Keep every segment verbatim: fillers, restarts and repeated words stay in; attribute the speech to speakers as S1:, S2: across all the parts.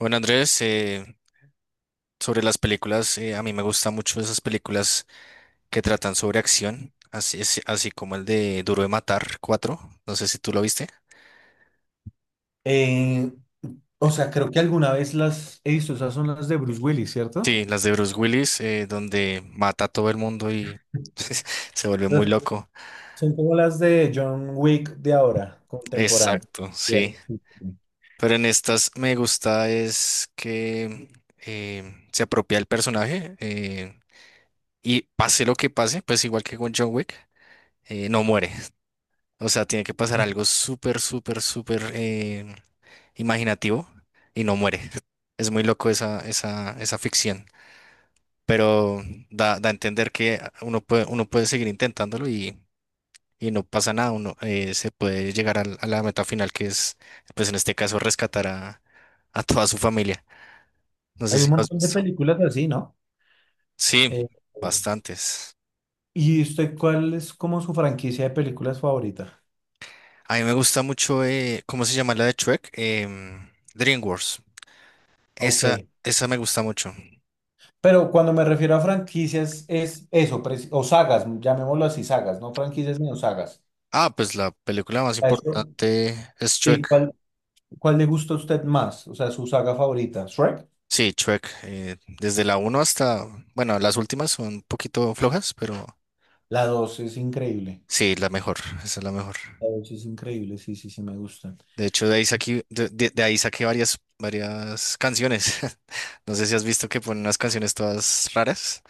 S1: Bueno, Andrés, eh, sobre las películas, eh, a mí me gustan mucho esas películas que tratan sobre acción, así, es- así como el de Duro de Matar cuatro. No sé si tú lo viste.
S2: Eh, o sea, creo que alguna vez las he visto, esas son las de Bruce Willis, ¿cierto?
S1: Sí, las de Bruce Willis, eh, donde mata a todo el mundo y se vuelve muy
S2: Ah.
S1: loco.
S2: Son como las de John Wick de ahora, contemporáneo.
S1: Exacto, sí.
S2: Cierto.
S1: Pero en estas me gusta es que eh, se apropia el personaje eh, y pase lo que pase, pues igual que con John Wick, eh, no muere. O sea, tiene que pasar algo súper, súper, súper eh, imaginativo y no muere. Es muy loco esa, esa, esa ficción, pero da, da a entender que uno puede, uno puede seguir intentándolo y, y no pasa nada, uno eh, se puede llegar al- a, la meta final que es, pues en este caso, rescatar a, a toda su familia. No sé
S2: Hay
S1: si
S2: un
S1: lo has
S2: montón de
S1: visto.
S2: películas así, ¿no?
S1: Sí,
S2: Eh,
S1: bastantes.
S2: ¿y usted cuál es como su franquicia de películas favorita?
S1: A mí me gusta mucho, eh, ¿cómo se llama la de Shrek? Em, DreamWorks.
S2: Ok.
S1: Esa, esa me gusta mucho.
S2: Pero cuando me refiero a franquicias es eso, preci- o sagas, llamémoslo así, sagas, no franquicias sino sagas.
S1: Ah, pues la película más
S2: A eso.
S1: importante es
S2: ¿Y
S1: Shrek.
S2: cuál, cuál le gusta a usted más? O sea, su saga favorita. Shrek.
S1: Sí, Shrek. eh, desde la uno hasta, bueno, las últimas son un poquito flojas, pero
S2: La dos es increíble.
S1: sí, la mejor, esa es la mejor.
S2: Ouch, es increíble, sí, sí, sí, me gusta.
S1: De hecho, de ahí saqué, de, de- de ahí saqué varias, varias canciones. No sé si has visto que ponen unas canciones todas raras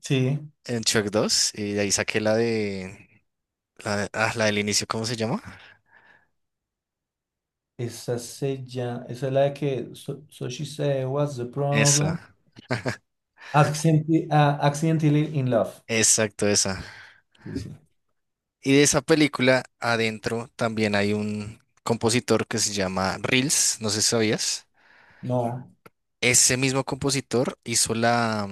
S2: Sí,
S1: en Shrek dos y de ahí saqué la de, la, de- ah, la del inicio, ¿cómo se llama? Ah,
S2: esa se llama, esa es la de que, so, so she said, what's the problem?
S1: esa,
S2: Accidenti- ah, accidentally in love.
S1: exacto, esa.
S2: Sí, sí.
S1: Y de esa película adentro también hay un compositor que se llama Reels, no sé si sabías.
S2: No,
S1: Ese mismo compositor hizo la,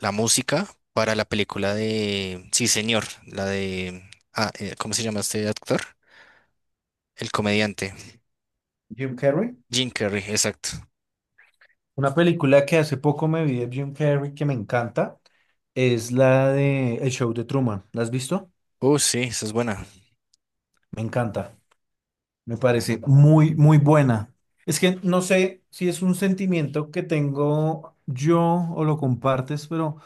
S1: la música para la película de Sí, señor, la de... Ah, eh, ¿cómo se llama este actor? El comediante.
S2: Jim Carrey.
S1: Jim Carrey, exacto.
S2: Una película que hace poco me vi de Jim Carrey que me encanta es la de El Show de Truman. ¿La has visto?
S1: Uh, sí, esa es buena.
S2: Me encanta. Me parece muy, muy buena. Es que no sé si es un sentimiento que tengo yo o lo compartes, pero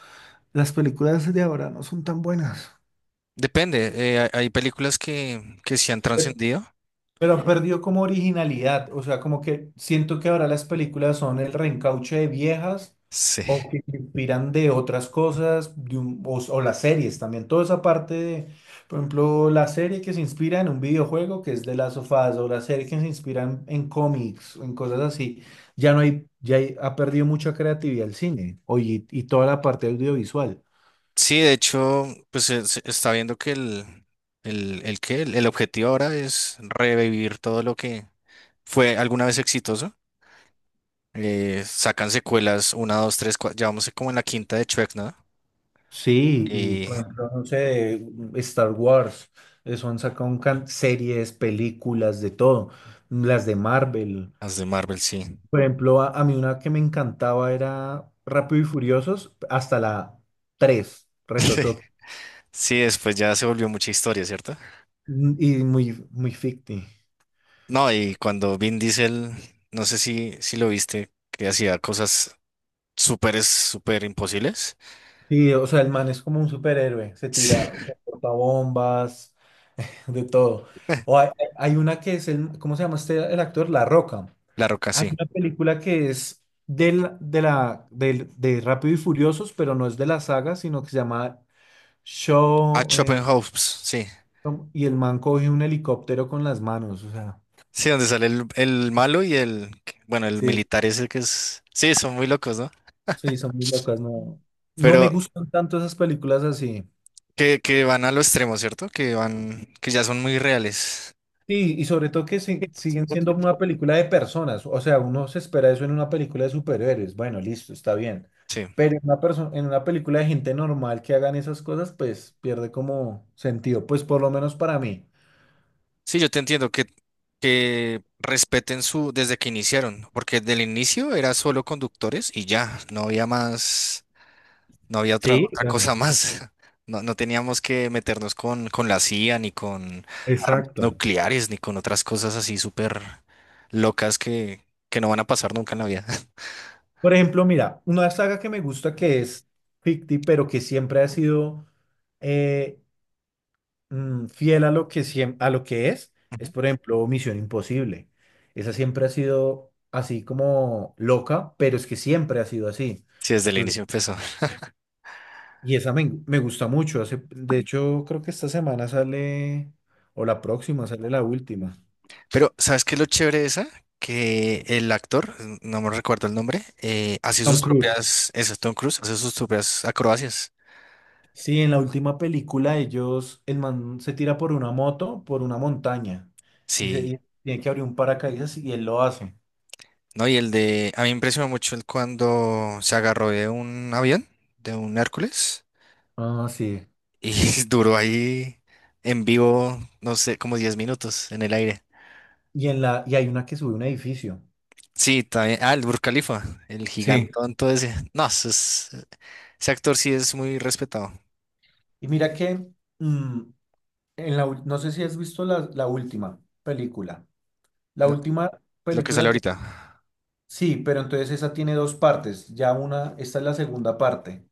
S2: las películas de ahora no son tan buenas.
S1: Depende, eh, hay hay películas que, que se han
S2: Pero
S1: trascendido.
S2: pero perdió como originalidad, o sea, como que siento que ahora las películas son el reencauche de viejas
S1: Sí.
S2: o que se inspiran de otras cosas, de un- o, o las series también, toda esa parte de, por ejemplo, la serie que se inspira en un videojuego que es de las sofás o la serie que se inspira en, en cómics o en cosas así, ya no hay, ya hay- ha perdido mucha creatividad el cine o y y toda la parte audiovisual.
S1: Sí, de hecho, pues se, se está viendo que el, el, el que el, el objetivo ahora es revivir todo lo que fue alguna vez exitoso. Eh, sacan secuelas, una, dos, tres, cua- ya vamos como en la quinta de Shrek, ¿no?
S2: Sí, y
S1: Y
S2: por ejemplo, no sé, Star Wars, eso han sacado un can- series, películas, de todo, las de Marvel.
S1: las de Marvel, sí.
S2: Por ejemplo, a, a mí una que me encantaba era Rápido y Furiosos, hasta la tres Reto Tokio,
S1: Sí, después ya se volvió mucha historia, ¿cierto?
S2: mm, y muy, muy ficti.
S1: No, y cuando Vin Diesel, no sé si, si lo viste, que hacía cosas súper, súper imposibles.
S2: Sí, o sea, el man es como un superhéroe, se
S1: Sí,
S2: tira, porta bombas, de todo. O hay, hay una que es el, ¿cómo se llama este, el actor? La Roca.
S1: La Roca,
S2: Hay
S1: sí.
S2: una película que es del, de la, del, de Rápido y Furiosos, pero no es de la saga, sino que se llama
S1: A
S2: Show, eh,
S1: House, sí.
S2: y el man coge un helicóptero con las manos. O sea,
S1: Sí, donde sale el, el malo y el, bueno, el
S2: sí,
S1: militar ese que es, sí, son muy locos, ¿no?
S2: sí, son muy locas. No, no me
S1: Pero
S2: gustan tanto esas películas así.
S1: que, que van a lo extremo, ¿cierto? Que van, que ya son muy reales.
S2: Sí, y sobre todo que si- siguen siendo una película de personas. O sea, uno se espera eso en una película de superhéroes. Bueno, listo, está bien.
S1: Sí,
S2: Pero en una perso- en una película de gente normal que hagan esas cosas, pues pierde como sentido, pues por lo menos para mí.
S1: sí, yo te entiendo que, que respeten su, desde que iniciaron, porque del inicio era solo conductores y ya, no había más. No había otra,
S2: Sí,
S1: otra
S2: claro.
S1: cosa más. No, no teníamos que meternos con, con la C I A, ni con armas
S2: Exacto.
S1: nucleares, ni con otras cosas así súper locas que, que no van a pasar nunca en la vida.
S2: Por ejemplo, mira, una saga que me gusta que es ficti, pero que siempre ha sido eh, mm, fiel a lo que, siem- a lo que es, es
S1: Ujú.
S2: por ejemplo Misión Imposible. Esa siempre ha sido así como loca, pero es que siempre ha sido así.
S1: Sí, desde el
S2: Entonces,
S1: inicio empezó.
S2: y esa me, me gusta mucho. Hace, de hecho, creo que esta semana sale, o la próxima sale la última.
S1: Pero, ¿sabes qué es lo chévere de esa? Que el actor, n- no me recuerdo el nombre, eh, hace
S2: Tom
S1: sus
S2: Cruise.
S1: propias, ese es Tom Cruise, hace sus propias acrobacias.
S2: Sí, en la última película ellos, el man se tira por una moto, por una montaña, y, se,
S1: Sí,
S2: y tiene que abrir un paracaídas y él lo hace.
S1: no, y el de, a mí me impresionó mucho el cuando se agarró de un avión, de un Hércules,
S2: Ah, sí.
S1: y duró ahí en vivo, no sé, como diez minutos en el aire.
S2: Y, en la, y hay una que sube a un edificio.
S1: Sí, también, ah, el Burj Khalifa, el
S2: Sí.
S1: gigantón, todo ese. No, eso es- ese actor sí es muy respetado.
S2: Y mira que, mm, en la, ul- no sé si has visto la, la última película. La
S1: Lo,
S2: última
S1: lo que sale
S2: película tiene,
S1: ahorita.
S2: sí, pero entonces esa tiene dos partes. Ya una, esta es la segunda parte.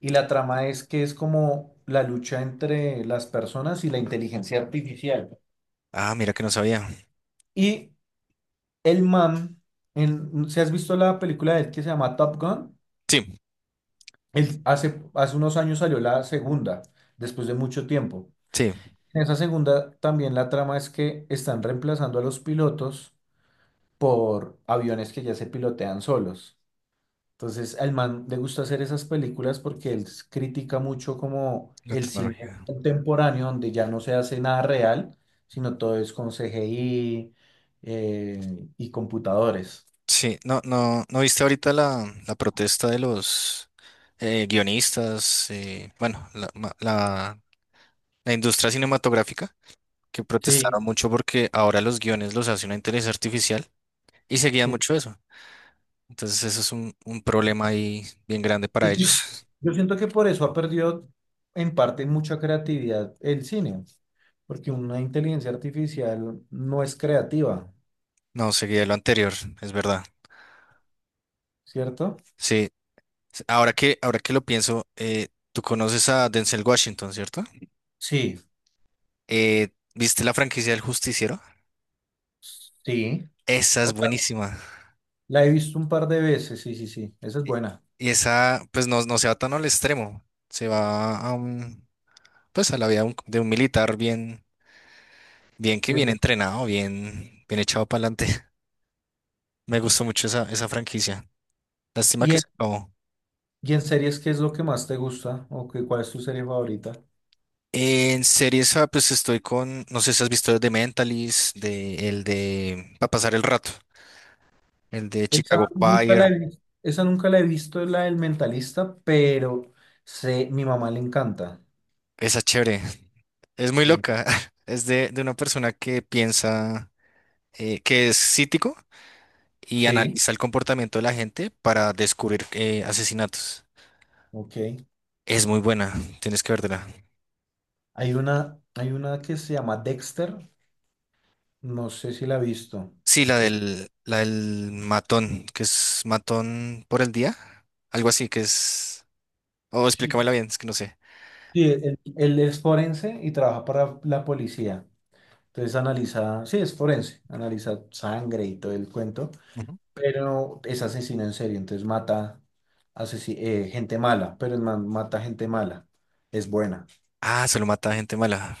S2: Y la trama es que es como la lucha entre las personas y la inteligencia artificial.
S1: Ah, mira que no sabía.
S2: Y el man, en, si has visto la película de él que se llama Top Gun,
S1: Sí,
S2: él hace, hace unos años salió la segunda, después de mucho tiempo.
S1: sí,
S2: En esa segunda también la trama es que están reemplazando a los pilotos por aviones que ya se pilotean solos. Entonces, al man le gusta hacer esas películas porque él s- critica mucho como
S1: la
S2: el cine
S1: tecnología.
S2: contemporáneo, donde ya no se hace nada real, sino todo es con C G I eh, y computadores.
S1: Sí, no, no, ¿no viste ahorita la, la protesta de los eh, guionistas? Eh, bueno, la, ma- la la industria cinematográfica, que
S2: Sí.
S1: protestaron mucho porque ahora los guiones los hace una inteligencia artificial y seguían
S2: Sí,
S1: mucho eso. Entonces eso es un, un problema ahí bien grande
S2: Yo
S1: para
S2: sien-
S1: ellos.
S2: yo siento que por eso ha perdido en parte mucha creatividad el cine, porque una inteligencia artificial no es creativa,
S1: No, seguía lo anterior, es verdad.
S2: ¿cierto?
S1: Sí, ahora que, ahora que lo pienso, eh, tú conoces a Denzel Washington, ¿cierto?
S2: Sí,
S1: Eh, ¿Viste la franquicia del Justiciero?
S2: sí.
S1: Esa
S2: O
S1: es
S2: sea,
S1: buenísima.
S2: la he visto un par de veces, sí, sí, sí, esa es
S1: Y
S2: buena.
S1: y esa, pues no, no se va tan al extremo, se va a un, pues a la vida de un de un militar bien. Bien que bien
S2: Bien.
S1: entrenado, bien, bien echado para adelante. Me gustó mucho esa, esa franquicia. Lástima
S2: ¿Y
S1: que
S2: en,
S1: se acabó.
S2: y en series qué es lo que más te gusta o qué, cuál es tu serie favorita?
S1: En series, ah, pues estoy con, no sé si has visto The Mentalist, de, el de, para pasar el rato, el de
S2: Esa
S1: Chicago
S2: nunca la
S1: Fire.
S2: he visto, esa nunca la he visto, la del Mentalista, pero sé, mi mamá le encanta.
S1: Esa es chévere. Es muy
S2: Sí.
S1: loca. Es de, de una persona que piensa, eh, que es cítico y
S2: Sí,
S1: analiza el comportamiento de la gente para descubrir eh, asesinatos.
S2: ok.
S1: Es muy buena. Tienes que verla.
S2: Hay una, hay una que se llama Dexter, no sé si la ha visto.
S1: Sí, la
S2: Es,
S1: del, la del matón, que es matón por el día, algo así que es... Oh,
S2: sí.
S1: explícamela bien, es que no sé.
S2: Sí, él, él es forense y trabaja para la policía. Entonces analiza, sí, es forense, analiza sangre y todo el cuento,
S1: Ujú.
S2: pero es asesino en serio, entonces mata asesi- eh, gente mala, pero el man mata gente mala, es buena.
S1: Ah, se lo mata a gente mala.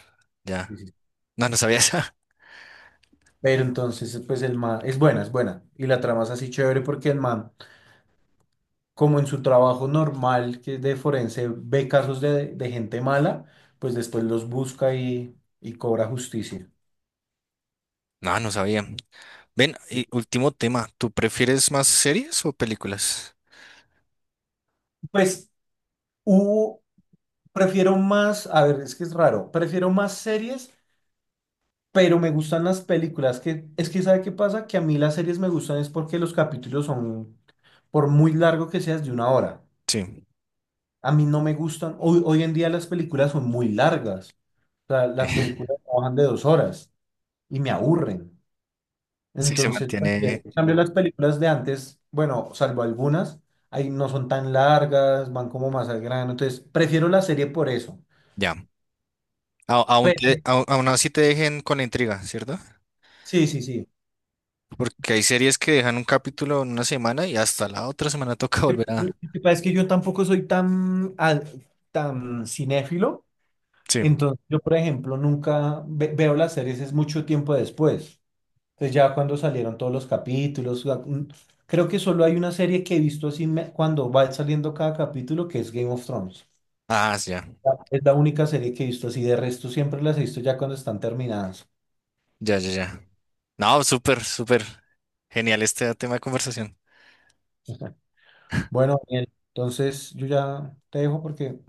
S2: Sí,
S1: Ya.
S2: sí.
S1: No, no sabía esa.
S2: Pero entonces, pues el man, es buena, es buena. Y la trama es así chévere porque el man como en su trabajo normal, que es de forense, ve casos de, de gente mala, pues después los busca y, y cobra justicia.
S1: No, no sabía. Ven, y último tema, ¿tú prefieres más series o películas?
S2: Pues hubo, prefiero más, a ver, es que es raro, prefiero más series, pero me gustan las películas, que es que ¿sabe qué pasa? Que a mí las series me gustan es porque los capítulos son, por muy largo que seas, de una hora.
S1: Sí.
S2: A mí no me gustan, hoy, hoy en día las películas son muy largas, o sea, las películas trabajan de dos horas y me aburren.
S1: Sí, se
S2: Entonces, cualquiera.
S1: mantiene
S2: En cambio, las películas de antes, bueno, salvo algunas, ahí no son tan largas, van como más al grano. Entonces, prefiero la serie por eso.
S1: ya. A- aún, te-
S2: Pero-
S1: au- aún así te dejen con la intriga, ¿cierto?
S2: sí, sí, sí.
S1: Porque hay series que dejan un capítulo en una semana y hasta la otra semana toca
S2: Eh,
S1: volver a...
S2: Lo que pasa es que yo tampoco soy tan, al- tan cinéfilo.
S1: Sí.
S2: Entonces, yo, por ejemplo, nunca ve- veo las series, es mucho tiempo después. Entonces, ya cuando salieron todos los capítulos, la- mm, creo que solo hay una serie que he visto así me- cuando va saliendo cada capítulo, que es Game of Thrones.
S1: Ah, ya.
S2: Es la única serie que he visto así, de resto siempre las he visto ya cuando están terminadas.
S1: Ya, ya, ya. No, súper, súper genial este tema de conversación.
S2: Bueno, Daniel, entonces yo ya te dejo porque